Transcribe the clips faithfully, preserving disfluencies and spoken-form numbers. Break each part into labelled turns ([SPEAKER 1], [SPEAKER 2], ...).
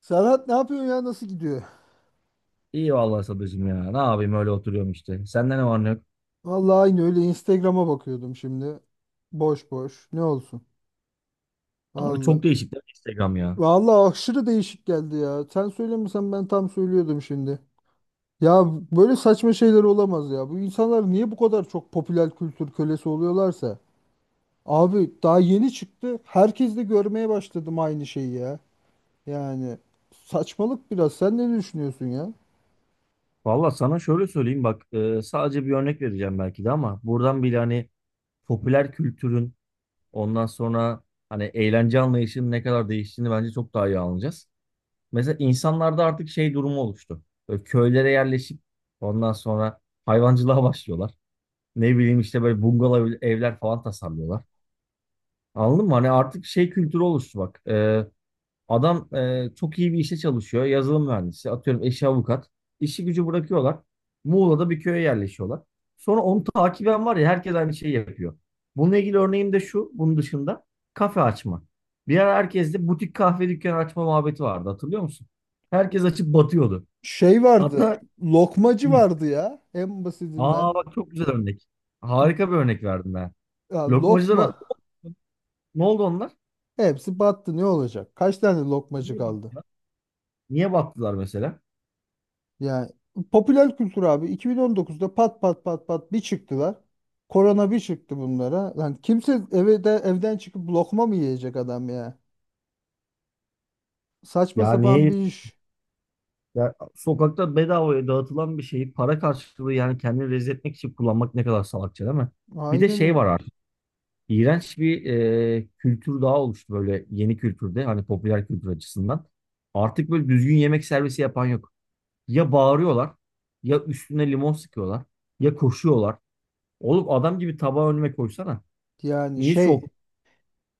[SPEAKER 1] Serhat ne yapıyorsun ya? Nasıl gidiyor?
[SPEAKER 2] İyi vallahi Sadıcığım ya. Ne yapayım öyle oturuyorum işte. Sende ne var ne yok?
[SPEAKER 1] Vallahi aynı öyle Instagram'a bakıyordum şimdi. Boş boş. Ne olsun?
[SPEAKER 2] Abi
[SPEAKER 1] Vallahi.
[SPEAKER 2] çok değişik değil mi Instagram ya?
[SPEAKER 1] Vallahi aşırı değişik geldi ya. Sen söylemesen ben tam söylüyordum şimdi. Ya böyle saçma şeyler olamaz ya. Bu insanlar niye bu kadar çok popüler kültür kölesi oluyorlarsa? Abi daha yeni çıktı. Herkes de görmeye başladım aynı şeyi ya. Yani saçmalık biraz. Sen ne düşünüyorsun ya?
[SPEAKER 2] Vallahi sana şöyle söyleyeyim bak e, sadece bir örnek vereceğim belki de ama buradan bile hani popüler kültürün ondan sonra hani eğlence anlayışının ne kadar değiştiğini bence çok daha iyi anlayacağız. Mesela insanlarda artık şey durumu oluştu. Böyle köylere yerleşip ondan sonra hayvancılığa başlıyorlar. Ne bileyim işte böyle bungalov evler falan tasarlıyorlar. Anladın mı? Hani artık şey kültürü oluştu bak. e, Adam e, çok iyi bir işte çalışıyor. Yazılım mühendisi. Atıyorum eşi avukat. İşi gücü bırakıyorlar. Muğla'da bir köye yerleşiyorlar. Sonra onu takiben var ya herkes aynı şeyi yapıyor. Bununla ilgili örneğim de şu. Bunun dışında kafe açma. Bir ara herkeste butik kahve dükkanı açma muhabbeti vardı. Hatırlıyor musun? Herkes açıp batıyordu.
[SPEAKER 1] Şey vardı.
[SPEAKER 2] Hatta
[SPEAKER 1] Lokmacı
[SPEAKER 2] hı,
[SPEAKER 1] vardı ya. En basitinden.
[SPEAKER 2] aa bak çok güzel örnek. Harika bir örnek verdim ben.
[SPEAKER 1] Ya lokma.
[SPEAKER 2] Lokmacılara ne oldu onlar?
[SPEAKER 1] Hepsi battı ne olacak? Kaç tane lokmacı
[SPEAKER 2] Niye
[SPEAKER 1] kaldı?
[SPEAKER 2] battılar? Niye battılar mesela?
[SPEAKER 1] Yani popüler kültür abi iki bin on dokuzda pat pat pat pat bir çıktılar. Korona bir çıktı bunlara. Lan kimse eve de, evden çıkıp lokma mı yiyecek adam ya? Saçma
[SPEAKER 2] Ya
[SPEAKER 1] sapan
[SPEAKER 2] niye
[SPEAKER 1] bir iş.
[SPEAKER 2] Ya, sokakta bedavaya dağıtılan bir şeyi para karşılığı yani kendini rezil etmek için kullanmak ne kadar salakça değil mi? Bir de
[SPEAKER 1] Aynen
[SPEAKER 2] şey
[SPEAKER 1] öyle.
[SPEAKER 2] var artık. İğrenç bir e, kültür daha oluştu böyle yeni kültürde hani popüler kültür açısından. Artık böyle düzgün yemek servisi yapan yok. Ya bağırıyorlar, ya üstüne limon sıkıyorlar, ya koşuyorlar. Oğlum adam gibi tabağı önüme koysana.
[SPEAKER 1] Yani
[SPEAKER 2] Niye şok?
[SPEAKER 1] şey,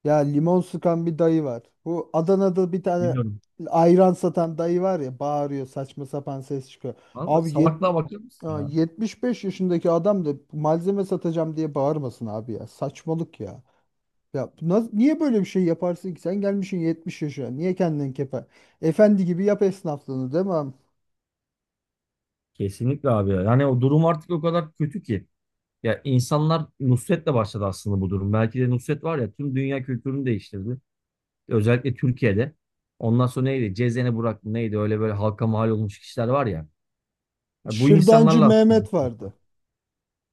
[SPEAKER 1] ya limon sıkan bir dayı var. Bu Adana'da bir tane
[SPEAKER 2] Bilmiyorum.
[SPEAKER 1] ayran satan dayı var ya bağırıyor saçma sapan ses çıkıyor.
[SPEAKER 2] Vallahi
[SPEAKER 1] Abi,
[SPEAKER 2] salaklığa bakıyor musun
[SPEAKER 1] ya
[SPEAKER 2] ya?
[SPEAKER 1] yetmiş beş yaşındaki adam da malzeme satacağım diye bağırmasın abi ya. Saçmalık ya. Ya bu naz- niye böyle bir şey yaparsın ki? Sen gelmişsin yetmiş yaşına. Niye kendini kepe? Efendi gibi yap esnaflığını, değil mi abi?
[SPEAKER 2] Kesinlikle abi ya. Yani o durum artık o kadar kötü ki. Ya insanlar Nusret'le başladı aslında bu durum. Belki de Nusret var ya tüm dünya kültürünü değiştirdi. Özellikle Türkiye'de. Ondan sonra neydi? Cezene Burak mı neydi? Öyle böyle halka mal olmuş kişiler var ya. Ya bu
[SPEAKER 1] Şırdancı
[SPEAKER 2] insanlarla aslında
[SPEAKER 1] Mehmet
[SPEAKER 2] Nusret var.
[SPEAKER 1] vardı.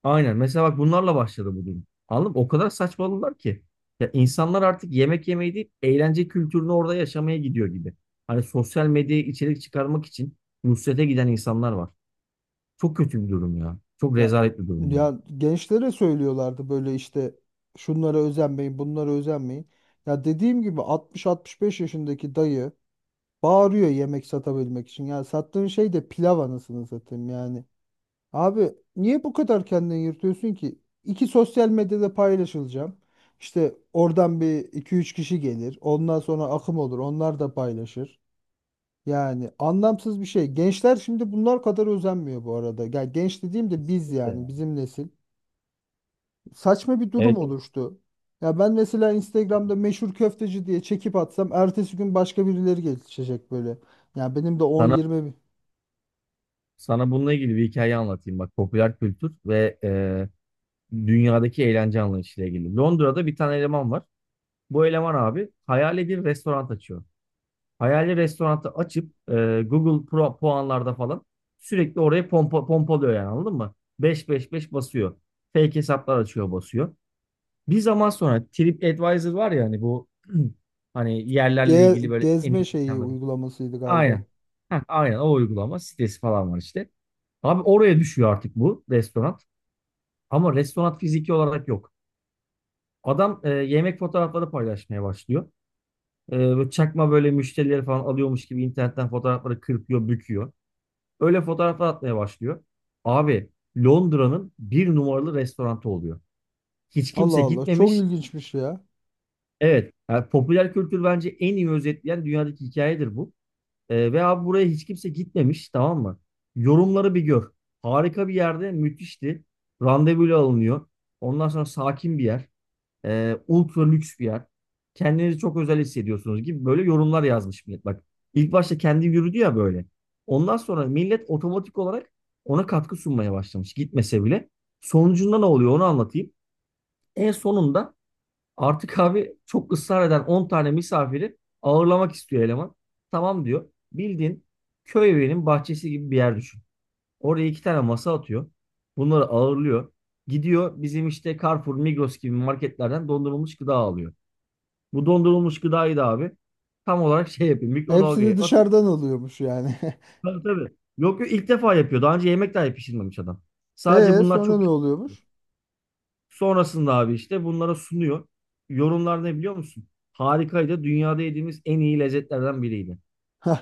[SPEAKER 2] Aynen. Mesela bak bunlarla başladı bu durum. Anladın mı? O kadar saçmaladılar ki. Ya insanlar artık yemek yemeyi değil, eğlence kültürünü orada yaşamaya gidiyor gibi. Hani sosyal medyaya içerik çıkarmak için Nusret'e giden insanlar var. Çok kötü bir durum ya. Çok
[SPEAKER 1] Ya
[SPEAKER 2] rezalet bir durum ya.
[SPEAKER 1] ya gençlere söylüyorlardı böyle işte, şunlara özenmeyin, bunlara özenmeyin. Ya dediğim gibi altmış altmış beş yaşındaki dayı bağırıyor yemek satabilmek için. Ya sattığın şey de pilav, anasını satayım yani. Abi niye bu kadar kendini yırtıyorsun ki? İki sosyal medyada paylaşılacağım. İşte oradan bir iki üç kişi gelir. Ondan sonra akım olur. Onlar da paylaşır. Yani anlamsız bir şey. Gençler şimdi bunlar kadar özenmiyor bu arada. Ya genç dediğim de biz,
[SPEAKER 2] Kesinlikle
[SPEAKER 1] yani
[SPEAKER 2] ya.
[SPEAKER 1] bizim nesil. Saçma bir durum
[SPEAKER 2] Evet, evet.
[SPEAKER 1] oluştu. Ya ben mesela Instagram'da meşhur köfteci diye çekip atsam ertesi gün başka birileri geçecek böyle. Ya benim de on
[SPEAKER 2] Sana
[SPEAKER 1] yirmi
[SPEAKER 2] Sana bununla ilgili bir hikaye anlatayım. Bak popüler kültür ve e, dünyadaki eğlence anlayışıyla ilgili. Londra'da bir tane eleman var. Bu eleman abi hayali bir restoran açıyor. Hayali restoranı açıp e, Google Pro puanlarda falan sürekli oraya pompa, pompalıyor yani anladın mı? Beş beş beş basıyor. Fake hesaplar açıyor basıyor. Bir zaman sonra TripAdvisor var ya hani bu hani yerlerle
[SPEAKER 1] ge-
[SPEAKER 2] ilgili böyle en
[SPEAKER 1] gezme
[SPEAKER 2] iyi
[SPEAKER 1] şeyi
[SPEAKER 2] mekanlar.
[SPEAKER 1] uygulamasıydı galiba.
[SPEAKER 2] Aynen. Heh, aynen o uygulama sitesi falan var işte. Abi oraya düşüyor artık bu restoran. Ama restoran fiziki olarak yok. Adam e, yemek fotoğrafları paylaşmaya başlıyor. E, böyle çakma böyle müşterileri falan alıyormuş gibi internetten fotoğrafları kırpıyor, büküyor. Öyle fotoğraflar atmaya başlıyor. Abi Londra'nın bir numaralı restoranı oluyor. Hiç
[SPEAKER 1] Allah
[SPEAKER 2] kimse
[SPEAKER 1] Allah çok
[SPEAKER 2] gitmemiş.
[SPEAKER 1] ilginçmiş ya.
[SPEAKER 2] Evet, yani popüler kültür bence en iyi özetleyen dünyadaki hikayedir bu. Ee, ve abi buraya hiç kimse gitmemiş tamam mı? Yorumları bir gör. Harika bir yerde müthişti. Randevuyla alınıyor. Ondan sonra sakin bir yer. Ee, ultra lüks bir yer. Kendinizi çok özel hissediyorsunuz gibi böyle yorumlar yazmış millet. Bak ilk başta kendi yürüdü ya böyle. Ondan sonra millet otomatik olarak ona katkı sunmaya başlamış gitmese bile. Sonucunda ne oluyor onu anlatayım. En sonunda artık abi çok ısrar eden on tane misafiri ağırlamak istiyor eleman. Tamam diyor. Bildiğin köy evinin bahçesi gibi bir yer düşün. Oraya iki tane masa atıyor. Bunları ağırlıyor. Gidiyor bizim işte Carrefour, Migros gibi marketlerden dondurulmuş gıda alıyor. Bu dondurulmuş gıdayı da abi tam olarak şey yapıyor. Mikrodalgaya
[SPEAKER 1] Hepsini
[SPEAKER 2] atıp
[SPEAKER 1] dışarıdan alıyormuş yani.
[SPEAKER 2] tabii tabii. Yok yok ilk defa yapıyor. Daha önce yemek dahi pişirmemiş adam. Sadece
[SPEAKER 1] E
[SPEAKER 2] bunlar
[SPEAKER 1] sonra
[SPEAKER 2] çok
[SPEAKER 1] ne oluyormuş?
[SPEAKER 2] sonrasında abi işte bunlara sunuyor. Yorumlar ne biliyor musun? Harikaydı. Dünyada yediğimiz en iyi lezzetlerden biriydi.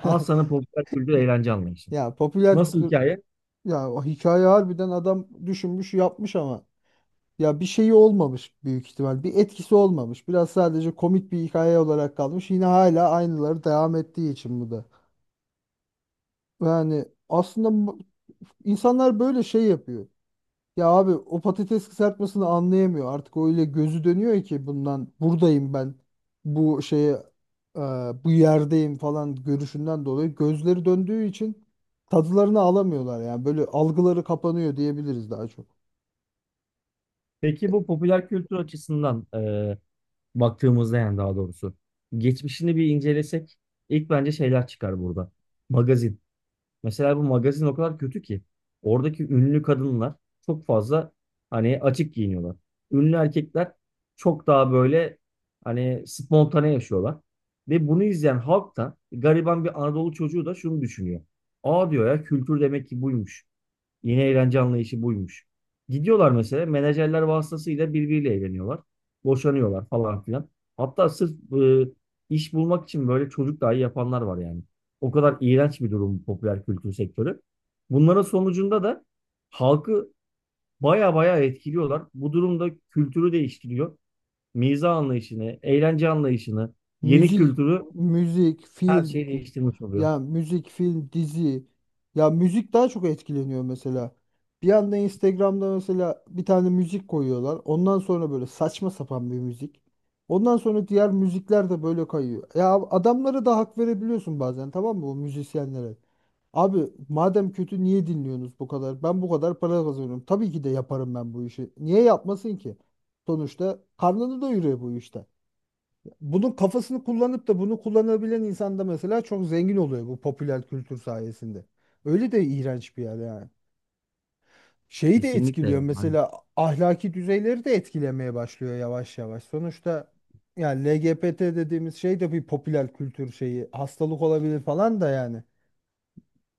[SPEAKER 2] Al sana popüler kültür eğlence anlayışı.
[SPEAKER 1] Ya popüler
[SPEAKER 2] Nasıl
[SPEAKER 1] kültür,
[SPEAKER 2] hikaye?
[SPEAKER 1] ya o hikaye harbiden adam düşünmüş yapmış ama ya bir şeyi olmamış büyük ihtimal. Bir etkisi olmamış. Biraz sadece komik bir hikaye olarak kalmış. Yine hala aynıları devam ettiği için bu da. Yani aslında mu- insanlar böyle şey yapıyor. Ya abi o patates kızartmasını anlayamıyor. Artık öyle gözü dönüyor ki bundan buradayım ben, bu şeye, e, bu yerdeyim falan görüşünden dolayı gözleri döndüğü için tadılarını alamıyorlar, yani böyle algıları kapanıyor diyebiliriz daha çok.
[SPEAKER 2] Peki bu popüler kültür açısından e, baktığımızda yani daha doğrusu geçmişini bir incelesek ilk bence şeyler çıkar burada. Magazin. Mesela bu magazin o kadar kötü ki oradaki ünlü kadınlar çok fazla hani açık giyiniyorlar. Ünlü erkekler çok daha böyle hani spontane yaşıyorlar. Ve bunu izleyen halk da gariban bir Anadolu çocuğu da şunu düşünüyor. Aa diyor ya kültür demek ki buymuş. Yeni eğlence anlayışı buymuş. Gidiyorlar mesela menajerler vasıtasıyla birbiriyle eğleniyorlar. Boşanıyorlar falan filan. Hatta sırf e, iş bulmak için böyle çocuk dahi yapanlar var yani. O kadar iğrenç bir durum bu popüler kültür sektörü. Bunların sonucunda da halkı baya baya etkiliyorlar. Bu durumda kültürü değiştiriyor. Miza anlayışını, eğlence anlayışını, yeni
[SPEAKER 1] Müzik,
[SPEAKER 2] kültürü,
[SPEAKER 1] müzik,
[SPEAKER 2] her
[SPEAKER 1] film,
[SPEAKER 2] şeyi
[SPEAKER 1] di-
[SPEAKER 2] değiştirmiş oluyor.
[SPEAKER 1] ya müzik, film, dizi. Ya müzik daha çok etkileniyor mesela. Bir anda Instagram'da mesela bir tane müzik koyuyorlar. Ondan sonra böyle saçma sapan bir müzik. Ondan sonra diğer müzikler de böyle kayıyor. Ya adamlara da hak verebiliyorsun bazen, tamam mı, bu müzisyenlere? Abi madem kötü niye dinliyorsunuz bu kadar? Ben bu kadar para kazanıyorum. Tabii ki de yaparım ben bu işi. Niye yapmasın ki? Sonuçta karnını doyuruyor bu işte, bunun kafasını kullanıp da bunu kullanabilen insan da mesela çok zengin oluyor bu popüler kültür sayesinde. Öyle de iğrenç bir yer yani. Şeyi de
[SPEAKER 2] Kesinlikle
[SPEAKER 1] etkiliyor
[SPEAKER 2] yani.
[SPEAKER 1] mesela, ahlaki düzeyleri de etkilemeye başlıyor yavaş yavaş. Sonuçta yani L G B T dediğimiz şey de bir popüler kültür şeyi. Hastalık olabilir falan da yani.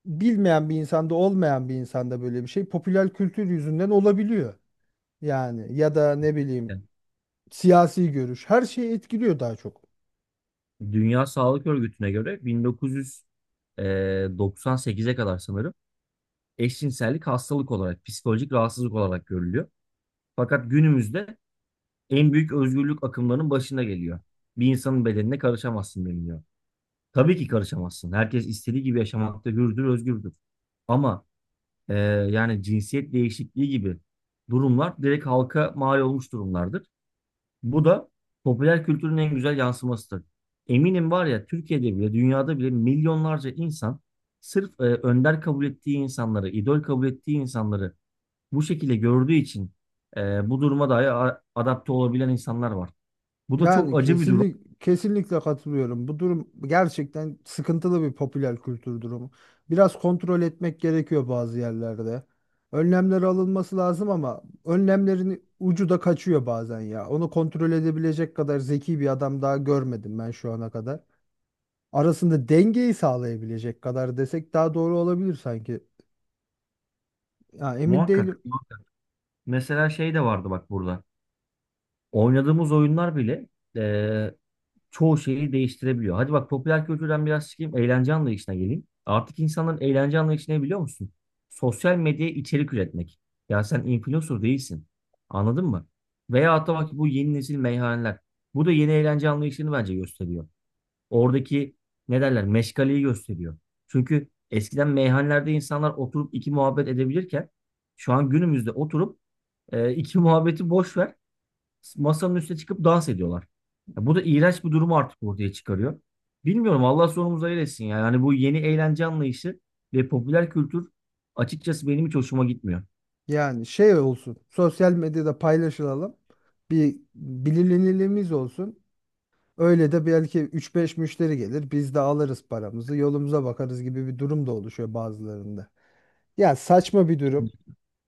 [SPEAKER 1] Bilmeyen bir insanda, olmayan bir insanda böyle bir şey popüler kültür yüzünden olabiliyor. Yani ya da ne bileyim, siyasi görüş her şeyi etkiliyor daha çok.
[SPEAKER 2] Dünya Sağlık Örgütü'ne göre bin dokuz yüz doksan sekize kadar sanırım eşcinsellik hastalık olarak, psikolojik rahatsızlık olarak görülüyor. Fakat günümüzde en büyük özgürlük akımlarının başına geliyor. Bir insanın bedenine karışamazsın deniliyor. Tabii ki karışamazsın. Herkes istediği gibi yaşamakta hürdür, özgürdür. Ama e, yani cinsiyet değişikliği gibi durumlar direkt halka mal olmuş durumlardır. Bu da popüler kültürün en güzel yansımasıdır. Eminim var ya Türkiye'de bile dünyada bile milyonlarca insan sırf e, önder kabul ettiği insanları, idol kabul ettiği insanları bu şekilde gördüğü için e, bu duruma dahi a- adapte olabilen insanlar var. Bu da
[SPEAKER 1] Yani
[SPEAKER 2] çok acı bir durum
[SPEAKER 1] kesinlik, kesinlikle katılıyorum. Bu durum gerçekten sıkıntılı bir popüler kültür durumu. Biraz kontrol etmek gerekiyor bazı yerlerde. Önlemler alınması lazım ama önlemlerin ucu da kaçıyor bazen ya. Onu kontrol edebilecek kadar zeki bir adam daha görmedim ben şu ana kadar. Arasında dengeyi sağlayabilecek kadar desek daha doğru olabilir sanki. Ya emin
[SPEAKER 2] muhakkak.
[SPEAKER 1] değilim.
[SPEAKER 2] Mesela şey de vardı bak burada. Oynadığımız oyunlar bile e, çoğu şeyi değiştirebiliyor. Hadi bak popüler kültürden biraz çıkayım, eğlence anlayışına geleyim. Artık insanların eğlence anlayışı ne biliyor musun? Sosyal medyaya içerik üretmek. Ya sen influencer değilsin. Anladın mı? Veya hatta bak bu yeni nesil meyhaneler. Bu da yeni eğlence anlayışını bence gösteriyor. Oradaki ne derler meşgaleyi gösteriyor. Çünkü eskiden meyhanelerde insanlar oturup iki muhabbet edebilirken şu an günümüzde oturup e, iki muhabbeti boş ver, masanın üstüne çıkıp dans ediyorlar. Ya bu da iğrenç bir durumu artık ortaya çıkarıyor. Bilmiyorum Allah sonumuzu hayır etsin yani. Hani bu yeni eğlence anlayışı ve popüler kültür açıkçası benim hiç hoşuma gitmiyor.
[SPEAKER 1] Yani şey olsun. Sosyal medyada paylaşılalım. Bir bilinirliğimiz olsun. Öyle de belki üç beş müşteri gelir. Biz de alırız paramızı, yolumuza bakarız gibi bir durum da oluşuyor bazılarında. Ya saçma bir durum.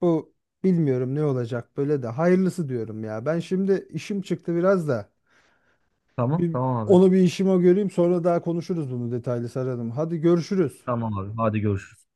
[SPEAKER 1] Bu, bilmiyorum ne olacak, böyle de hayırlısı diyorum ya. Ben şimdi işim çıktı biraz da.
[SPEAKER 2] Tamam,
[SPEAKER 1] Bir,
[SPEAKER 2] tamam abi.
[SPEAKER 1] onu bir işime göreyim sonra daha konuşuruz, bunu detaylı saralım. Hadi görüşürüz.
[SPEAKER 2] Tamam abi. Hadi görüşürüz.